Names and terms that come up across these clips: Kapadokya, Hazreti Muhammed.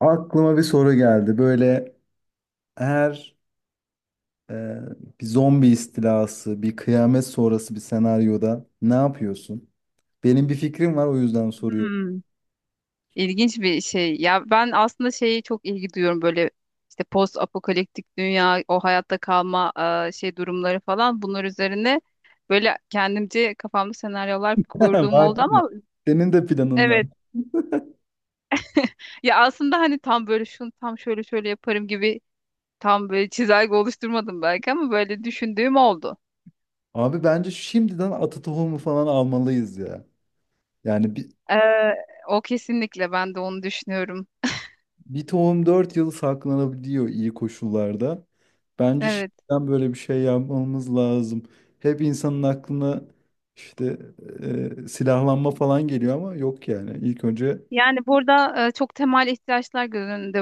Aklıma bir soru geldi. Böyle eğer e, bir zombi istilası, bir kıyamet sonrası bir senaryoda ne yapıyorsun? Benim bir fikrim var, o yüzden soruyorum. Hmm, ilginç bir şey. Ya ben aslında şeyi çok ilgi duyuyorum böyle işte post apokaliptik dünya, o hayatta kalma şey durumları falan. Bunlar üzerine böyle kendimce kafamda senaryolar kurduğum Var oldu değil mi? ama Senin de planın var. evet. Ya aslında hani tam böyle şunu tam şöyle şöyle yaparım gibi tam böyle çizelge oluşturmadım belki ama böyle düşündüğüm oldu. Abi bence şimdiden atı tohumu falan almalıyız ya. Yani bir, Ee, o kesinlikle ben de onu düşünüyorum. bir tohum 4 yıl saklanabiliyor iyi koşullarda. Bence Evet. şimdiden böyle bir şey yapmamız lazım. Hep insanın aklına işte silahlanma falan geliyor ama yok yani. İlk önce Yani burada çok temel ihtiyaçlar göz önünde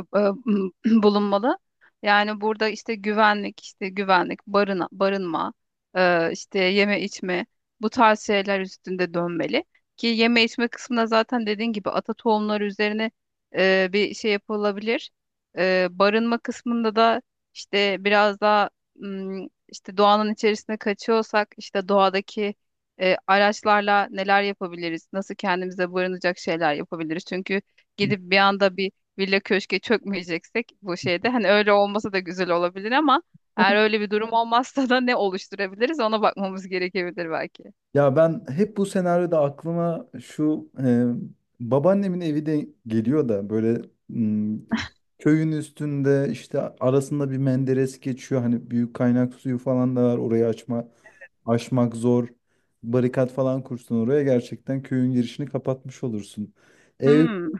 bulunmalı. Yani burada işte güvenlik, işte güvenlik, barınma, işte yeme içme bu tarz şeyler üstünde dönmeli. Ki yeme içme kısmında zaten dediğin gibi ata tohumları üzerine bir şey yapılabilir. Barınma kısmında da işte biraz daha işte doğanın içerisine kaçıyorsak işte doğadaki araçlarla neler yapabiliriz, nasıl kendimize barınacak şeyler yapabiliriz. Çünkü gidip bir anda bir villa köşke çökmeyeceksek bu şeyde hani öyle olmasa da güzel olabilir ama eğer öyle bir durum olmazsa da ne oluşturabiliriz ona bakmamız gerekebilir belki. ya ben hep bu senaryoda aklıma şu babaannemin evi de geliyor da böyle m, köyün üstünde işte arasında bir menderes geçiyor. Hani büyük kaynak suyu falan da var. Orayı açma aşmak zor. Barikat falan kursun, oraya gerçekten köyün girişini kapatmış olursun. Ev Hmm,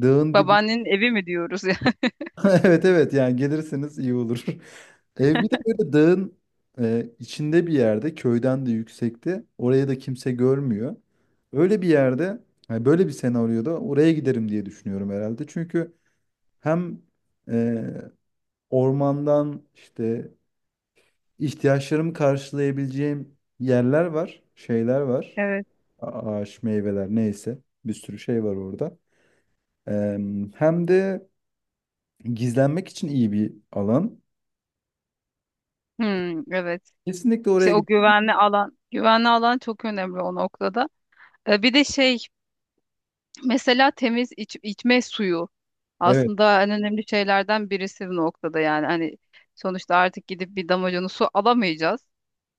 dağın dibi. babaannenin evi mi diyoruz ya? Evet, evet, yani gelirseniz iyi olur. Ev bir de böyle dağın içinde bir yerde, köyden de yüksekte, oraya da kimse görmüyor. Öyle bir yerde, yani böyle bir senaryoda oraya giderim diye düşünüyorum herhalde. Çünkü hem e, ormandan işte ihtiyaçlarımı karşılayabileceğim yerler var, şeyler var. Evet. Ağaç, meyveler, neyse bir sürü şey var orada. E, hem de gizlenmek için iyi bir alan. Hmm, evet. Kesinlikle oraya İşte o giderim. güvenli alan, güvenli alan çok önemli o noktada. Bir de şey, mesela temiz içme suyu Evet. aslında en önemli şeylerden birisi bu noktada yani hani sonuçta artık gidip bir damacana su alamayacağız.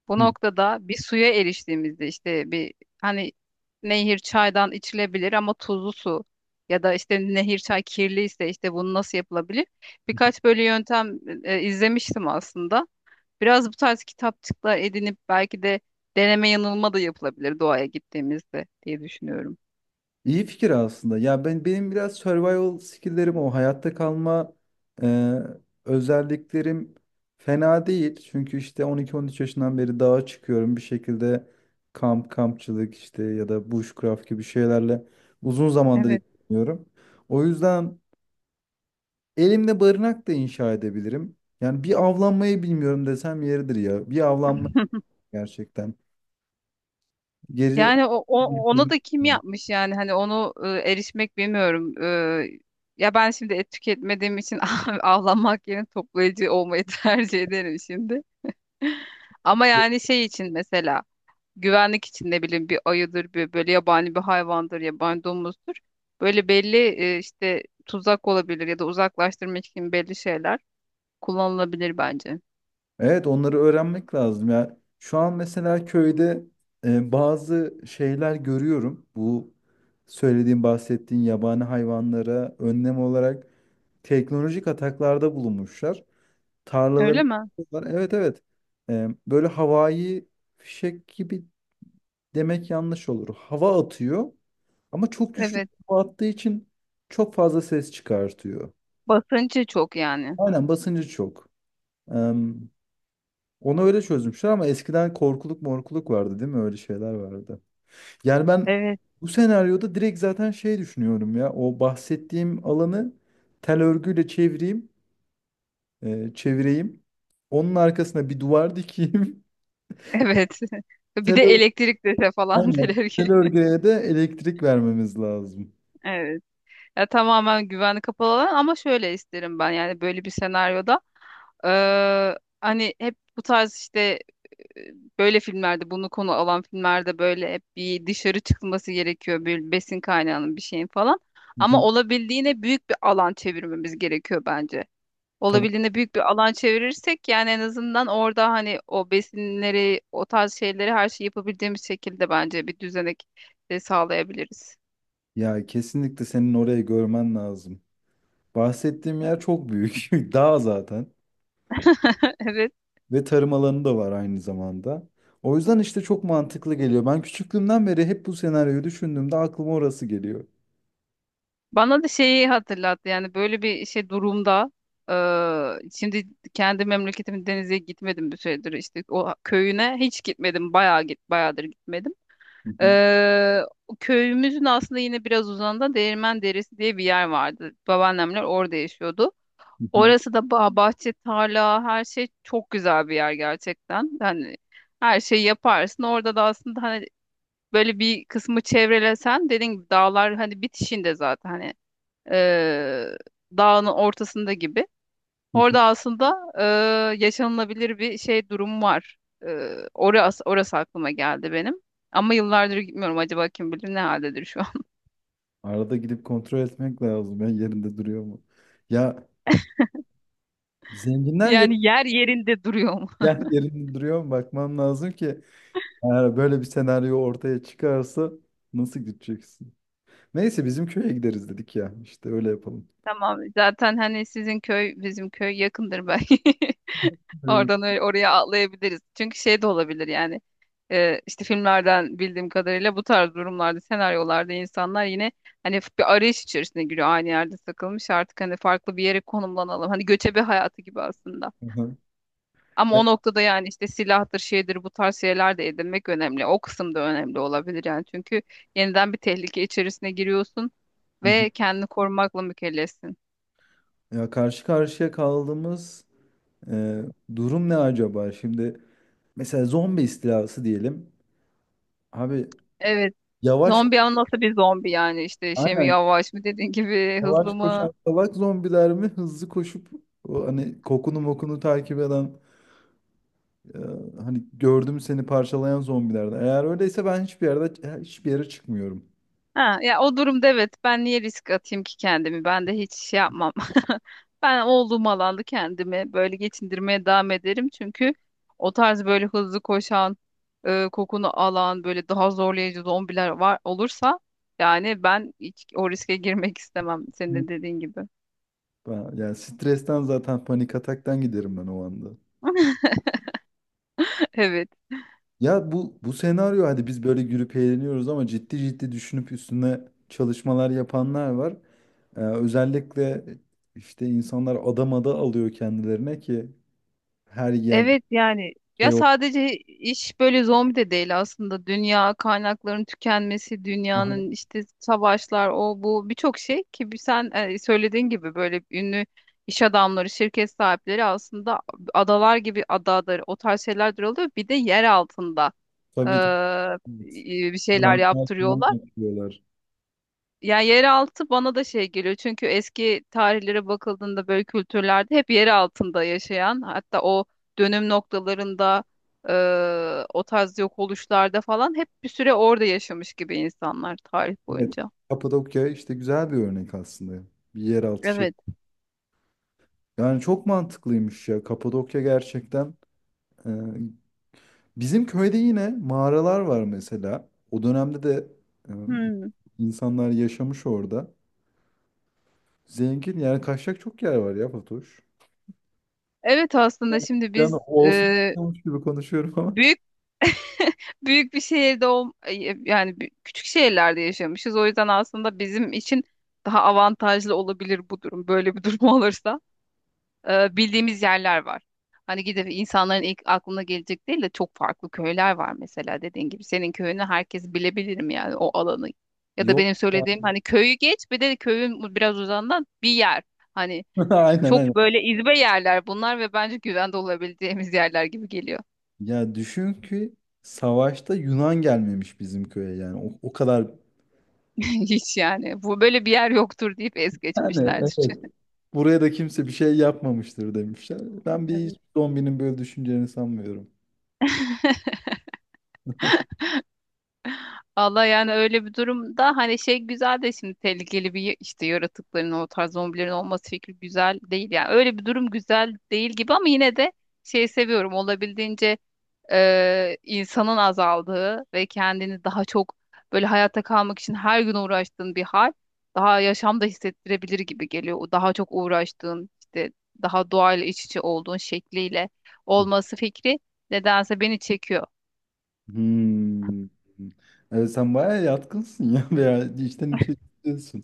Bu Hı. noktada bir suya eriştiğimizde işte bir hani nehir çaydan içilebilir ama tuzlu su ya da işte nehir çay kirliyse işte bunu nasıl yapılabilir? Birkaç böyle yöntem izlemiştim aslında. Biraz bu tarz kitapçıklar edinip belki de deneme yanılma da yapılabilir doğaya gittiğimizde diye düşünüyorum. İyi fikir aslında. Ya ben, benim biraz survival skill'lerim, o hayatta kalma e, özelliklerim fena değil. Çünkü işte 12-13 yaşından beri dağa çıkıyorum bir şekilde, kamp kampçılık işte ya da bushcraft gibi şeylerle uzun zamandır Evet. ilgileniyorum. O yüzden elimde barınak da inşa edebilirim. Yani bir avlanmayı bilmiyorum desem yeridir ya. Bir avlanma gerçekten. Geri Yani ona da kim yapmış yani hani onu erişmek bilmiyorum. E, ya ben şimdi et tüketmediğim için avlanmak yerine toplayıcı olmayı tercih ederim şimdi. Ama yani şey için mesela güvenlik için ne bileyim bir ayıdır bir böyle yabani bir hayvandır yabani domuzdur. Böyle belli işte tuzak olabilir ya da uzaklaştırmak için belli şeyler kullanılabilir bence. evet, onları öğrenmek lazım ya. Şu an mesela köyde bazı şeyler görüyorum. Bu söylediğim, bahsettiğin yabani hayvanlara önlem olarak teknolojik ataklarda bulunmuşlar. Tarlaları Öyle mi? yapıyorlar. Evet, evet. E, böyle havai fişek gibi demek yanlış olur. Hava atıyor ama çok güçlü bir Evet. hava attığı için çok fazla ses çıkartıyor. Basıncı çok yani. Aynen, basıncı çok. Onu öyle çözmüşler ama eskiden korkuluk morkuluk vardı değil mi? Öyle şeyler vardı. Yani ben Evet. bu senaryoda direkt zaten şey düşünüyorum ya. O bahsettiğim alanı tel örgüyle çevireyim. e, çevireyim. Onun arkasına bir duvar dikeyim. Evet. Bir Tel de ör- elektrik dese falan Aynen. teler. Tel örgüye de elektrik vermemiz lazım. Evet. Ya tamamen güvenli kapalı alan ama şöyle isterim ben yani böyle bir senaryoda hani hep bu tarz işte e, böyle filmlerde bunu konu alan filmlerde böyle hep bir dışarı çıkılması gerekiyor bir besin kaynağının bir şeyin falan. Hı Ama hı. olabildiğine büyük bir alan çevirmemiz gerekiyor bence. Tabii. Olabildiğine büyük bir alan çevirirsek yani en azından orada hani o besinleri, o tarz şeyleri her şeyi yapabildiğimiz şekilde bence bir düzenek de sağlayabiliriz. Ya, kesinlikle senin orayı görmen lazım. Bahsettiğim yer çok büyük. Dağ zaten. Evet. Ve tarım alanı da var aynı zamanda. O yüzden işte çok mantıklı geliyor. Ben küçüklüğümden beri hep bu senaryoyu düşündüğümde aklıma orası geliyor. Bana da şeyi hatırlattı yani böyle bir şey durumda şimdi kendi memleketimin denize gitmedim bir süredir işte o köyüne hiç gitmedim bayağı bayağıdır gitmedim. Hı hı, O köyümüzün aslında yine biraz uzağında Değirmen Deresi diye bir yer vardı. Babaannemler orada yaşıyordu. hı hı, Orası da bahçe, tarla, her şey çok güzel bir yer gerçekten. Yani her şeyi yaparsın. Orada da aslında hani böyle bir kısmı çevrelesen dediğin gibi dağlar hani bitişinde zaten hani eee, dağın ortasında gibi. hı hı. Orada aslında yaşanılabilir bir şey durum var. Orası aklıma geldi benim. Ama yıllardır gitmiyorum. Acaba kim bilir ne haldedir şu an. Arada gidip kontrol etmek lazım. Ya yerinde duruyor mu? Ya zenginler yap Yani yerinde duruyor mu? ya yerinde duruyor mu? Bakmam lazım ki eğer böyle bir senaryo ortaya çıkarsa nasıl gideceksin? Neyse, bizim köye gideriz dedik ya. İşte öyle yapalım. Tamam. Zaten hani sizin köy bizim köy yakındır belki. Hı hı. Oradan öyle oraya atlayabiliriz. Çünkü şey de olabilir yani. İşte filmlerden bildiğim kadarıyla bu tarz durumlarda, senaryolarda insanlar yine hani bir arayış içerisine giriyor. Aynı yerde takılmış artık hani farklı bir yere konumlanalım. Hani göçebe hayatı gibi aslında. Ama Ya, o noktada yani işte silahtır, şeydir bu tarz şeyler de edinmek önemli. O kısım da önemli olabilir yani. Çünkü yeniden bir tehlike içerisine giriyorsun hı hı. ve kendini korumakla mükellefsin. Ya karşı karşıya kaldığımız e, durum ne acaba? Şimdi mesela zombi istilası diyelim. Abi Evet. yavaş, Zombi ama nasıl bir zombi yani işte şey mi aynen, yavaş mı dediğin gibi yavaş hızlı mı? koşan salak zombiler mi, hızlı koşup o hani kokunu mokunu takip eden, e, hani gördüm seni parçalayan zombilerden. Eğer öyleyse ben hiçbir yerde, hiçbir yere çıkmıyorum. Ha, ya o durumda evet ben niye risk atayım ki kendimi? Ben de hiç şey yapmam. Ben olduğum alanda kendimi böyle geçindirmeye devam ederim. Çünkü o tarz böyle hızlı koşan, kokunu alan böyle daha zorlayıcı zombiler var olursa yani ben hiç o riske girmek istemem senin Hı. de dediğin gibi. Ben, yani stresten, zaten panik ataktan giderim ben o anda. Evet. Ya bu, bu senaryo, hadi biz böyle gülüp eğleniyoruz ama ciddi ciddi düşünüp üstüne çalışmalar yapanlar var. Özellikle işte insanlar adamada alıyor kendilerine ki her yer Evet yani ya şey o. sadece iş böyle zombi de değil aslında dünya kaynakların tükenmesi Aha, dünyanın işte savaşlar o bu birçok şey ki bir sen söylediğin gibi böyle ünlü iş adamları şirket sahipleri aslında adalar gibi adadır o tarz şeyler oluyor bir de yer altında tabii, tabii. Evet. Bir şeyler Anahtar falan yaptırıyorlar. yapıyorlar. Ya yeraltı bana da şey geliyor çünkü eski tarihlere bakıldığında böyle kültürlerde hep yer altında yaşayan hatta o dönüm noktalarında o tarz yok oluşlarda falan hep bir süre orada yaşamış gibi insanlar tarih Evet. boyunca. Kapadokya işte güzel bir örnek aslında. Bir yeraltı şey. Evet. Yani çok mantıklıymış ya. Kapadokya gerçekten e, bizim köyde yine mağaralar var mesela. O dönemde de e, Hmm. insanlar yaşamış orada. Zengin, yani kaçacak çok yer var ya Fatoş. Evet aslında şimdi Yani biz olsun, olmuş gibi konuşuyorum ama. büyük büyük bir şehirde yani küçük şehirlerde yaşamışız. O yüzden aslında bizim için daha avantajlı olabilir bu durum. Böyle bir durum olursa. Bildiğimiz yerler var. Hani gidip insanların ilk aklına gelecek değil de çok farklı köyler var mesela dediğin gibi. Senin köyünü herkes bilebilirim yani o alanı. Ya da Yok benim ya. söylediğim hani köyü geç bir de köyün biraz uzağından bir yer. Hani Aynen, aynen. çok böyle izbe yerler bunlar ve bence güvende olabileceğimiz yerler gibi geliyor. Ya düşün ki savaşta Yunan gelmemiş bizim köye yani. O, o kadar Hiç yani bu böyle bir yer yoktur deyip es yani, geçmişlerdir. evet. Buraya da kimse bir şey yapmamıştır demişler. Ben bir zombinin böyle düşüneceğini sanmıyorum. Allah yani öyle bir durumda hani şey güzel de şimdi tehlikeli bir işte yaratıkların o tarz zombilerin olması fikri güzel değil yani öyle bir durum güzel değil gibi ama yine de şey seviyorum olabildiğince insanın azaldığı ve kendini daha çok böyle hayatta kalmak için her gün uğraştığın bir hal daha yaşamda hissettirebilir gibi geliyor. O daha çok uğraştığın işte daha doğayla iç içe olduğun şekliyle olması fikri nedense beni çekiyor. Hmm. Evet, sen bayağı yatkınsın ya, veya içten içe diyorsun.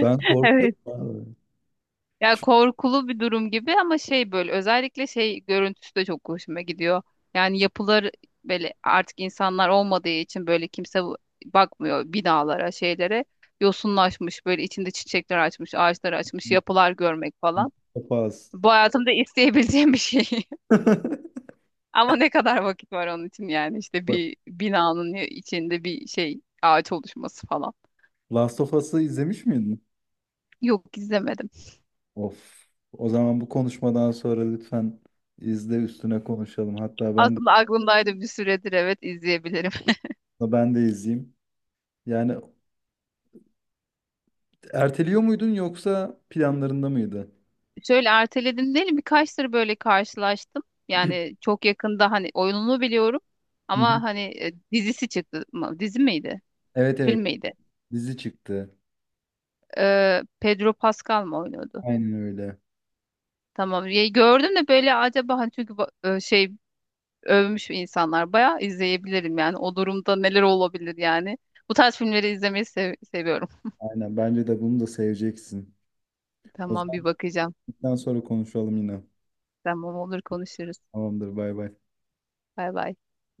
Ben korkuyorum abi. Ya Çok korkulu bir durum gibi ama şey böyle özellikle şey görüntüsü de çok hoşuma gidiyor. Yani yapılar böyle artık insanlar olmadığı için böyle kimse bakmıyor binalara, şeylere. Yosunlaşmış böyle içinde çiçekler açmış, ağaçlar açmış, yapılar görmek falan. Last of Bu hayatımda isteyebileceğim bir şey. Ama ne kadar vakit var onun için yani işte bir binanın içinde bir şey ağaç oluşması falan. Last of Us'ı izlemiş miydin? Yok, izlemedim. Of. O zaman bu konuşmadan sonra lütfen izle, üstüne konuşalım. Hatta ben de, Aslında aklımdaydı bir süredir evet izleyebilirim. ben de izleyeyim. Yani erteliyor muydun yoksa planlarında mıydı? Şöyle erteledim değil birkaç tır böyle karşılaştım. Yani çok yakında hani oyununu biliyorum Hı hı. ama hani dizisi çıktı. Dizi miydi? Evet, Film evet, miydi? dizi çıktı. Pedro Pascal mı oynuyordu? Aynen öyle. Tamam. Ya, gördüm de böyle acaba hani çünkü şey övmüş insanlar bayağı izleyebilirim yani o durumda neler olabilir yani. Bu tarz filmleri izlemeyi seviyorum. Aynen, bence de bunu da seveceksin. O Tamam bir zaman bakacağım. bundan sonra konuşalım yine. Tamam olur konuşuruz. Tamamdır, bay bay. Bay bay.